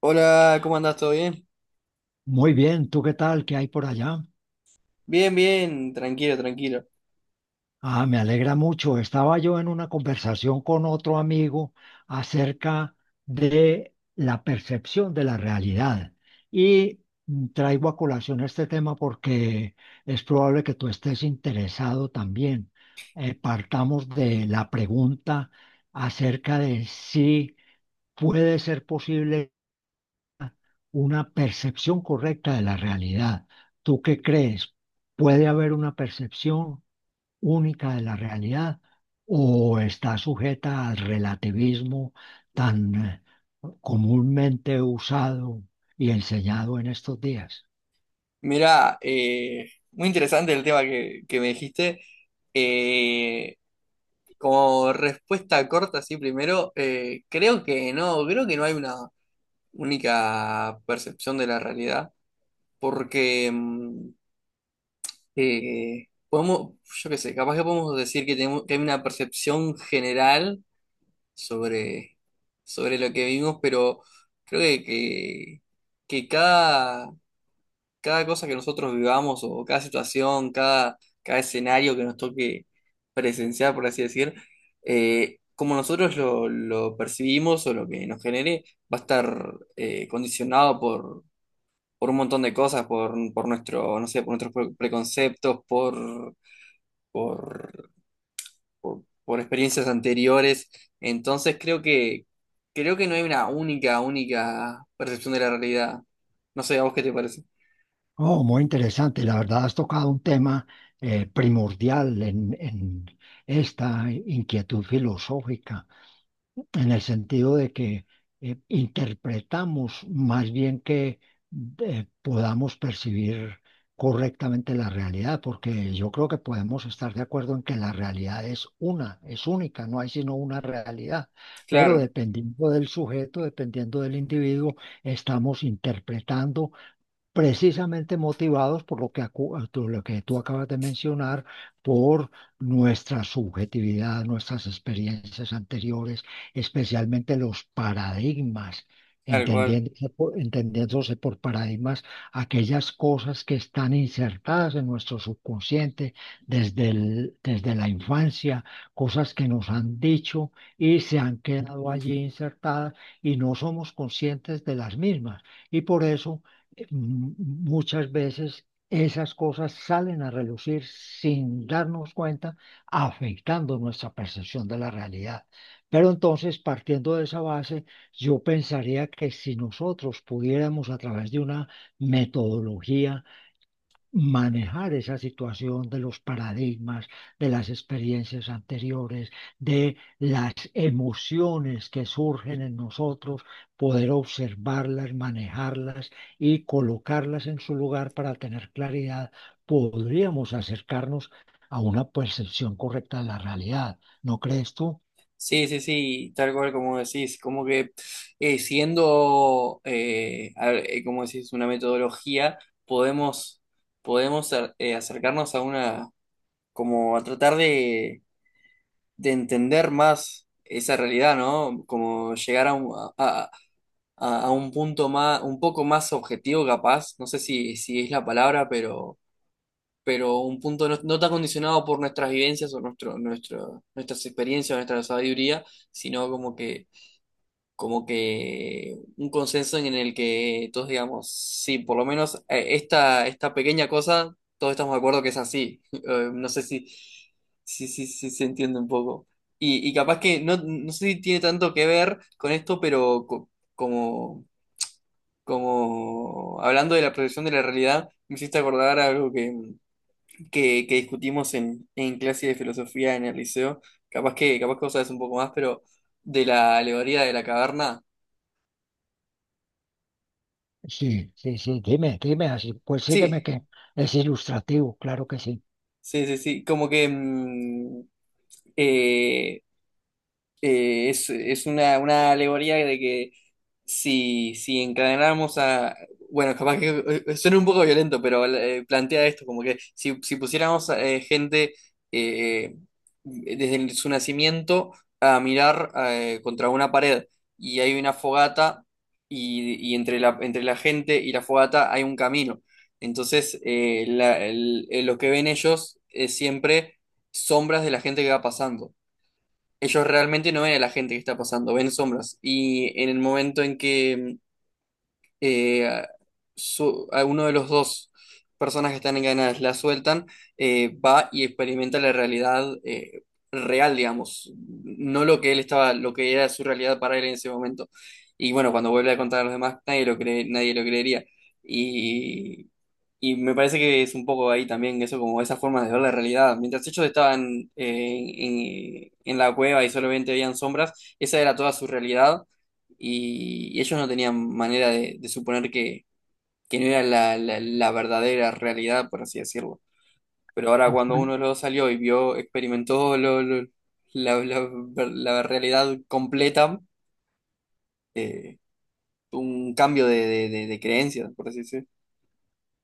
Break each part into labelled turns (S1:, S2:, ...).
S1: Hola, ¿cómo andás? ¿Todo bien?
S2: Muy bien, ¿tú qué tal? ¿Qué hay por allá?
S1: Bien, bien, tranquilo, tranquilo.
S2: Ah, me alegra mucho. Estaba yo en una conversación con otro amigo acerca de la percepción de la realidad y traigo a colación este tema porque es probable que tú estés interesado también. Partamos de la pregunta acerca de si puede ser posible una percepción correcta de la realidad. ¿Tú qué crees? ¿Puede haber una percepción única de la realidad o está sujeta al relativismo tan comúnmente usado y enseñado en estos días?
S1: Mirá, muy interesante el tema que me dijiste. Eh, Como respuesta corta, sí, primero, creo que no hay una única percepción de la realidad, porque podemos, yo qué sé, capaz que podemos decir que, tenemos, que hay una percepción general sobre, sobre lo que vivimos, pero creo que cada cosa que nosotros vivamos o cada situación, cada, cada escenario que nos toque presenciar, por así decir, como nosotros lo percibimos o lo que nos genere, va a estar condicionado por un montón de cosas, por nuestro, no sé, por nuestros preconceptos, por, por experiencias anteriores. Entonces creo que no hay una única, única percepción de la realidad. No sé, ¿a vos qué te parece?
S2: Oh, muy interesante. La verdad has tocado un tema primordial en esta inquietud filosófica, en el sentido de que interpretamos más bien que podamos percibir correctamente la realidad, porque yo creo que podemos estar de acuerdo en que la realidad es una, es única, no hay sino una realidad, pero
S1: Claro,
S2: dependiendo del sujeto, dependiendo del individuo, estamos interpretando precisamente motivados por lo que tú acabas de mencionar, por nuestra subjetividad, nuestras experiencias anteriores, especialmente los paradigmas.
S1: tal cual.
S2: Entendiéndose por paradigmas aquellas cosas que están insertadas en nuestro subconsciente desde la infancia, cosas que nos han dicho y se han quedado allí insertadas, y no somos conscientes de las mismas. Y por eso muchas veces esas cosas salen a relucir sin darnos cuenta, afectando nuestra percepción de la realidad. Pero entonces, partiendo de esa base, yo pensaría que si nosotros pudiéramos a través de una metodología manejar esa situación de los paradigmas, de las experiencias anteriores, de las emociones que surgen en nosotros, poder observarlas, manejarlas y colocarlas en su lugar para tener claridad, podríamos acercarnos a una percepción correcta de la realidad. ¿No crees tú?
S1: Sí, sí, sí, tal cual como decís, como que como decís, una metodología, podemos, podemos acercarnos a una, como a tratar de entender más esa realidad, ¿no? Como llegar a un, a, a un punto más, un poco más objetivo capaz, no sé si, si es la palabra, pero un punto no, no tan condicionado por nuestras vivencias o nuestro, nuestro, nuestras experiencias o nuestra sabiduría, sino como que un consenso en el que todos digamos, sí, por lo menos esta, esta pequeña cosa, todos estamos de acuerdo que es así. No sé si, si se entiende un poco. Y capaz que no, no sé si tiene tanto que ver con esto, pero como, como hablando de la proyección de la realidad, me hiciste acordar algo que, que discutimos en clase de filosofía en el liceo. Capaz que vos sabés un poco más, pero de la alegoría de la caverna.
S2: Sí, sí, sí, dime, dime así. Pues
S1: Sí,
S2: sígueme que es ilustrativo, claro que sí.
S1: sí, sí, sí, como que eh, es una alegoría de que si, si encadenáramos a... Bueno, capaz que suena un poco violento, pero plantea esto, como que si, si pusiéramos gente eh, desde su nacimiento a mirar contra una pared y hay una fogata y entre la gente y la fogata hay un camino. Entonces, lo que ven ellos es siempre sombras de la gente que va pasando ellos realmente no ven a la gente que está pasando, ven sombras. Y en el momento en que eh, a uno de los dos personas que están encadenadas la sueltan, va y experimenta la realidad real, digamos, no lo que él estaba, lo que era su realidad para él en ese momento. Y bueno, cuando vuelve a contar a los demás, nadie lo cree, nadie lo creería. Y, y me parece que es un poco ahí también eso, como esas formas de ver la realidad. Mientras ellos estaban en la cueva y solamente veían sombras, esa era toda su realidad y ellos no tenían manera de suponer que no era la verdadera realidad, por así decirlo. Pero ahora cuando uno de los dos salió y vio, experimentó la, la- la realidad completa, eh, un cambio de, de creencias, por así decirlo.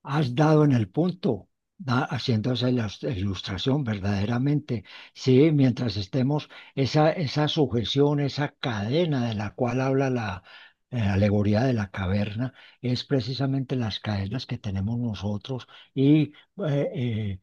S2: Has dado en el punto, haciendo esa ilustración verdaderamente. Sí, mientras estemos, esa sujeción, esa cadena de la cual habla la alegoría de la caverna, es precisamente las cadenas que tenemos nosotros y eh, eh,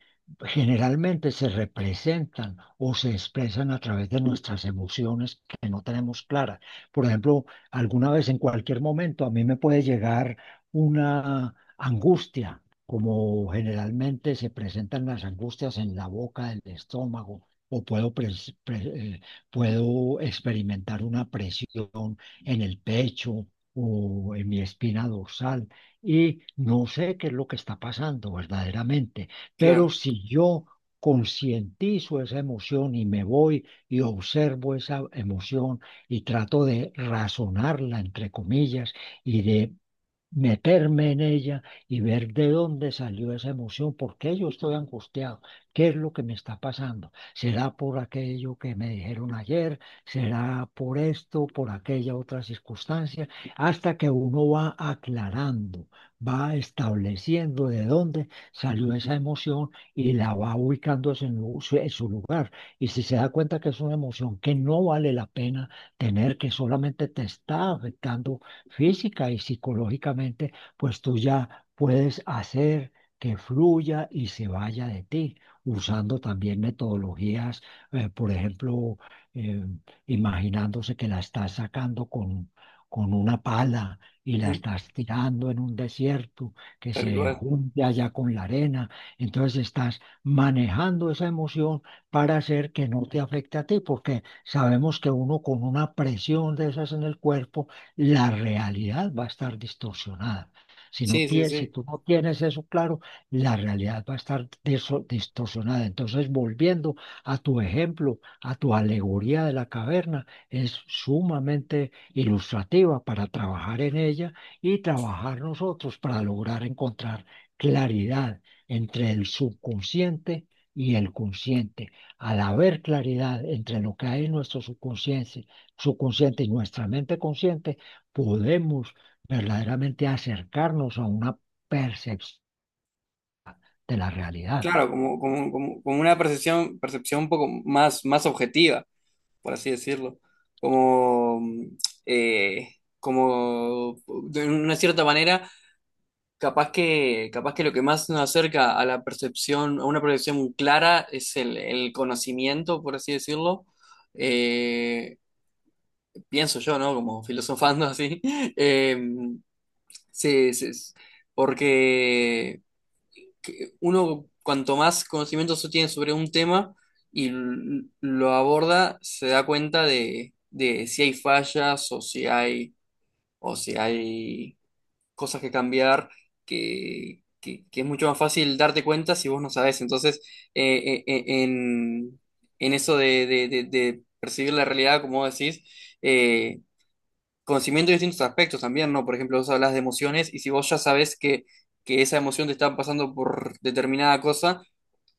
S2: generalmente se representan o se expresan a través de nuestras emociones que no tenemos claras. Por ejemplo, alguna vez en cualquier momento a mí me puede llegar una angustia, como generalmente se presentan las angustias en la boca del estómago, o puedo, puedo experimentar una presión en el pecho o en mi espina dorsal, y no sé qué es lo que está pasando verdaderamente, pero
S1: Claro,
S2: si yo concientizo esa emoción y me voy y observo esa emoción y trato de razonarla, entre comillas, y de meterme en ella y ver de dónde salió esa emoción, por qué yo estoy angustiado, qué es lo que me está pasando. ¿Será por aquello que me dijeron ayer? ¿Será por esto, por aquella otra circunstancia? Hasta que uno va aclarando, va estableciendo de dónde salió esa emoción y la va ubicando en lu- su en su lugar. Y si se da cuenta que es una emoción que no vale la pena tener, que solamente te está afectando física y psicológicamente, pues tú ya puedes hacer que fluya y se vaya de ti, usando también metodologías. Por ejemplo, eh, imaginándose que la estás sacando con una pala y la
S1: ujú,
S2: estás tirando en un desierto, que
S1: tal
S2: se
S1: cual.
S2: junte allá con la arena. Entonces estás manejando esa emoción para hacer que no te afecte a ti, porque sabemos que uno con una presión de esas en el cuerpo, la realidad va a estar distorsionada. Si no
S1: Sí, sí,
S2: tienes, si
S1: sí.
S2: tú no tienes eso claro, la realidad va a estar distorsionada. Entonces, volviendo a tu ejemplo, a tu alegoría de la caverna, es sumamente ilustrativa para trabajar en ella y trabajar nosotros para lograr encontrar claridad entre el subconsciente y el consciente. Al haber claridad entre lo que hay en nuestro subconsciente y nuestra mente consciente, podemos verdaderamente acercarnos a una percepción de la realidad.
S1: Claro, como una percepción, percepción un poco más, más objetiva, por así decirlo, como, eh, como de una cierta manera, capaz que lo que más nos acerca a la percepción, a una percepción clara es el conocimiento, por así decirlo. Eh, Pienso yo, ¿no? Como filosofando así. Eh, sí, sí, sí, porque que uno cuanto más conocimiento se tiene sobre un tema y lo aborda, se da cuenta de si hay fallas o si hay cosas que cambiar, que es mucho más fácil darte cuenta si vos no sabés. Entonces, eh, eh, eh, en, en eso de, de percibir la realidad, como vos decís, eh, conocimiento de distintos aspectos también, ¿no? Por ejemplo, vos hablas de emociones y si vos ya sabés que esa emoción te está pasando por determinada cosa,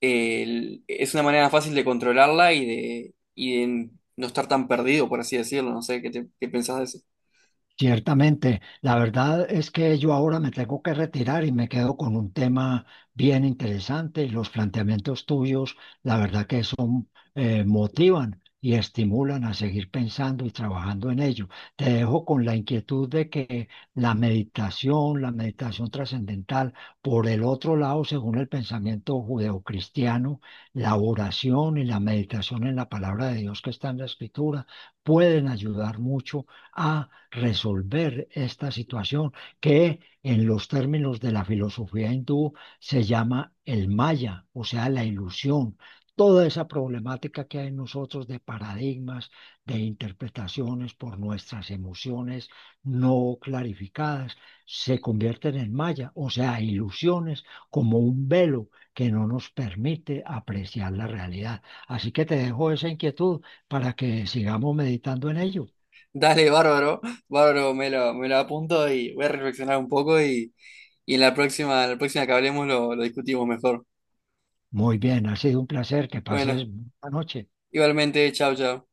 S1: es una manera fácil de controlarla y de no estar tan perdido, por así decirlo. No sé, ¿qué, qué pensás de eso?
S2: Ciertamente, la verdad es que yo ahora me tengo que retirar y me quedo con un tema bien interesante. Los planteamientos tuyos, la verdad que son, motivan y estimulan a seguir pensando y trabajando en ello. Te dejo con la inquietud de que la meditación trascendental, por el otro lado, según el pensamiento judeocristiano, la oración y la meditación en la palabra de Dios que está en la escritura, pueden ayudar mucho a resolver esta situación, que en los términos de la filosofía hindú se llama el maya, o sea, la ilusión. Toda esa problemática que hay en nosotros de paradigmas, de interpretaciones por nuestras emociones no clarificadas, se convierten en maya, o sea, ilusiones como un velo que no nos permite apreciar la realidad. Así que te dejo esa inquietud para que sigamos meditando en ello.
S1: Dale, bárbaro, bárbaro, me lo apunto y voy a reflexionar un poco y en la próxima que hablemos lo discutimos mejor.
S2: Muy bien, ha sido un placer. Que
S1: Bueno,
S2: pases buena noche.
S1: igualmente, chao, chao.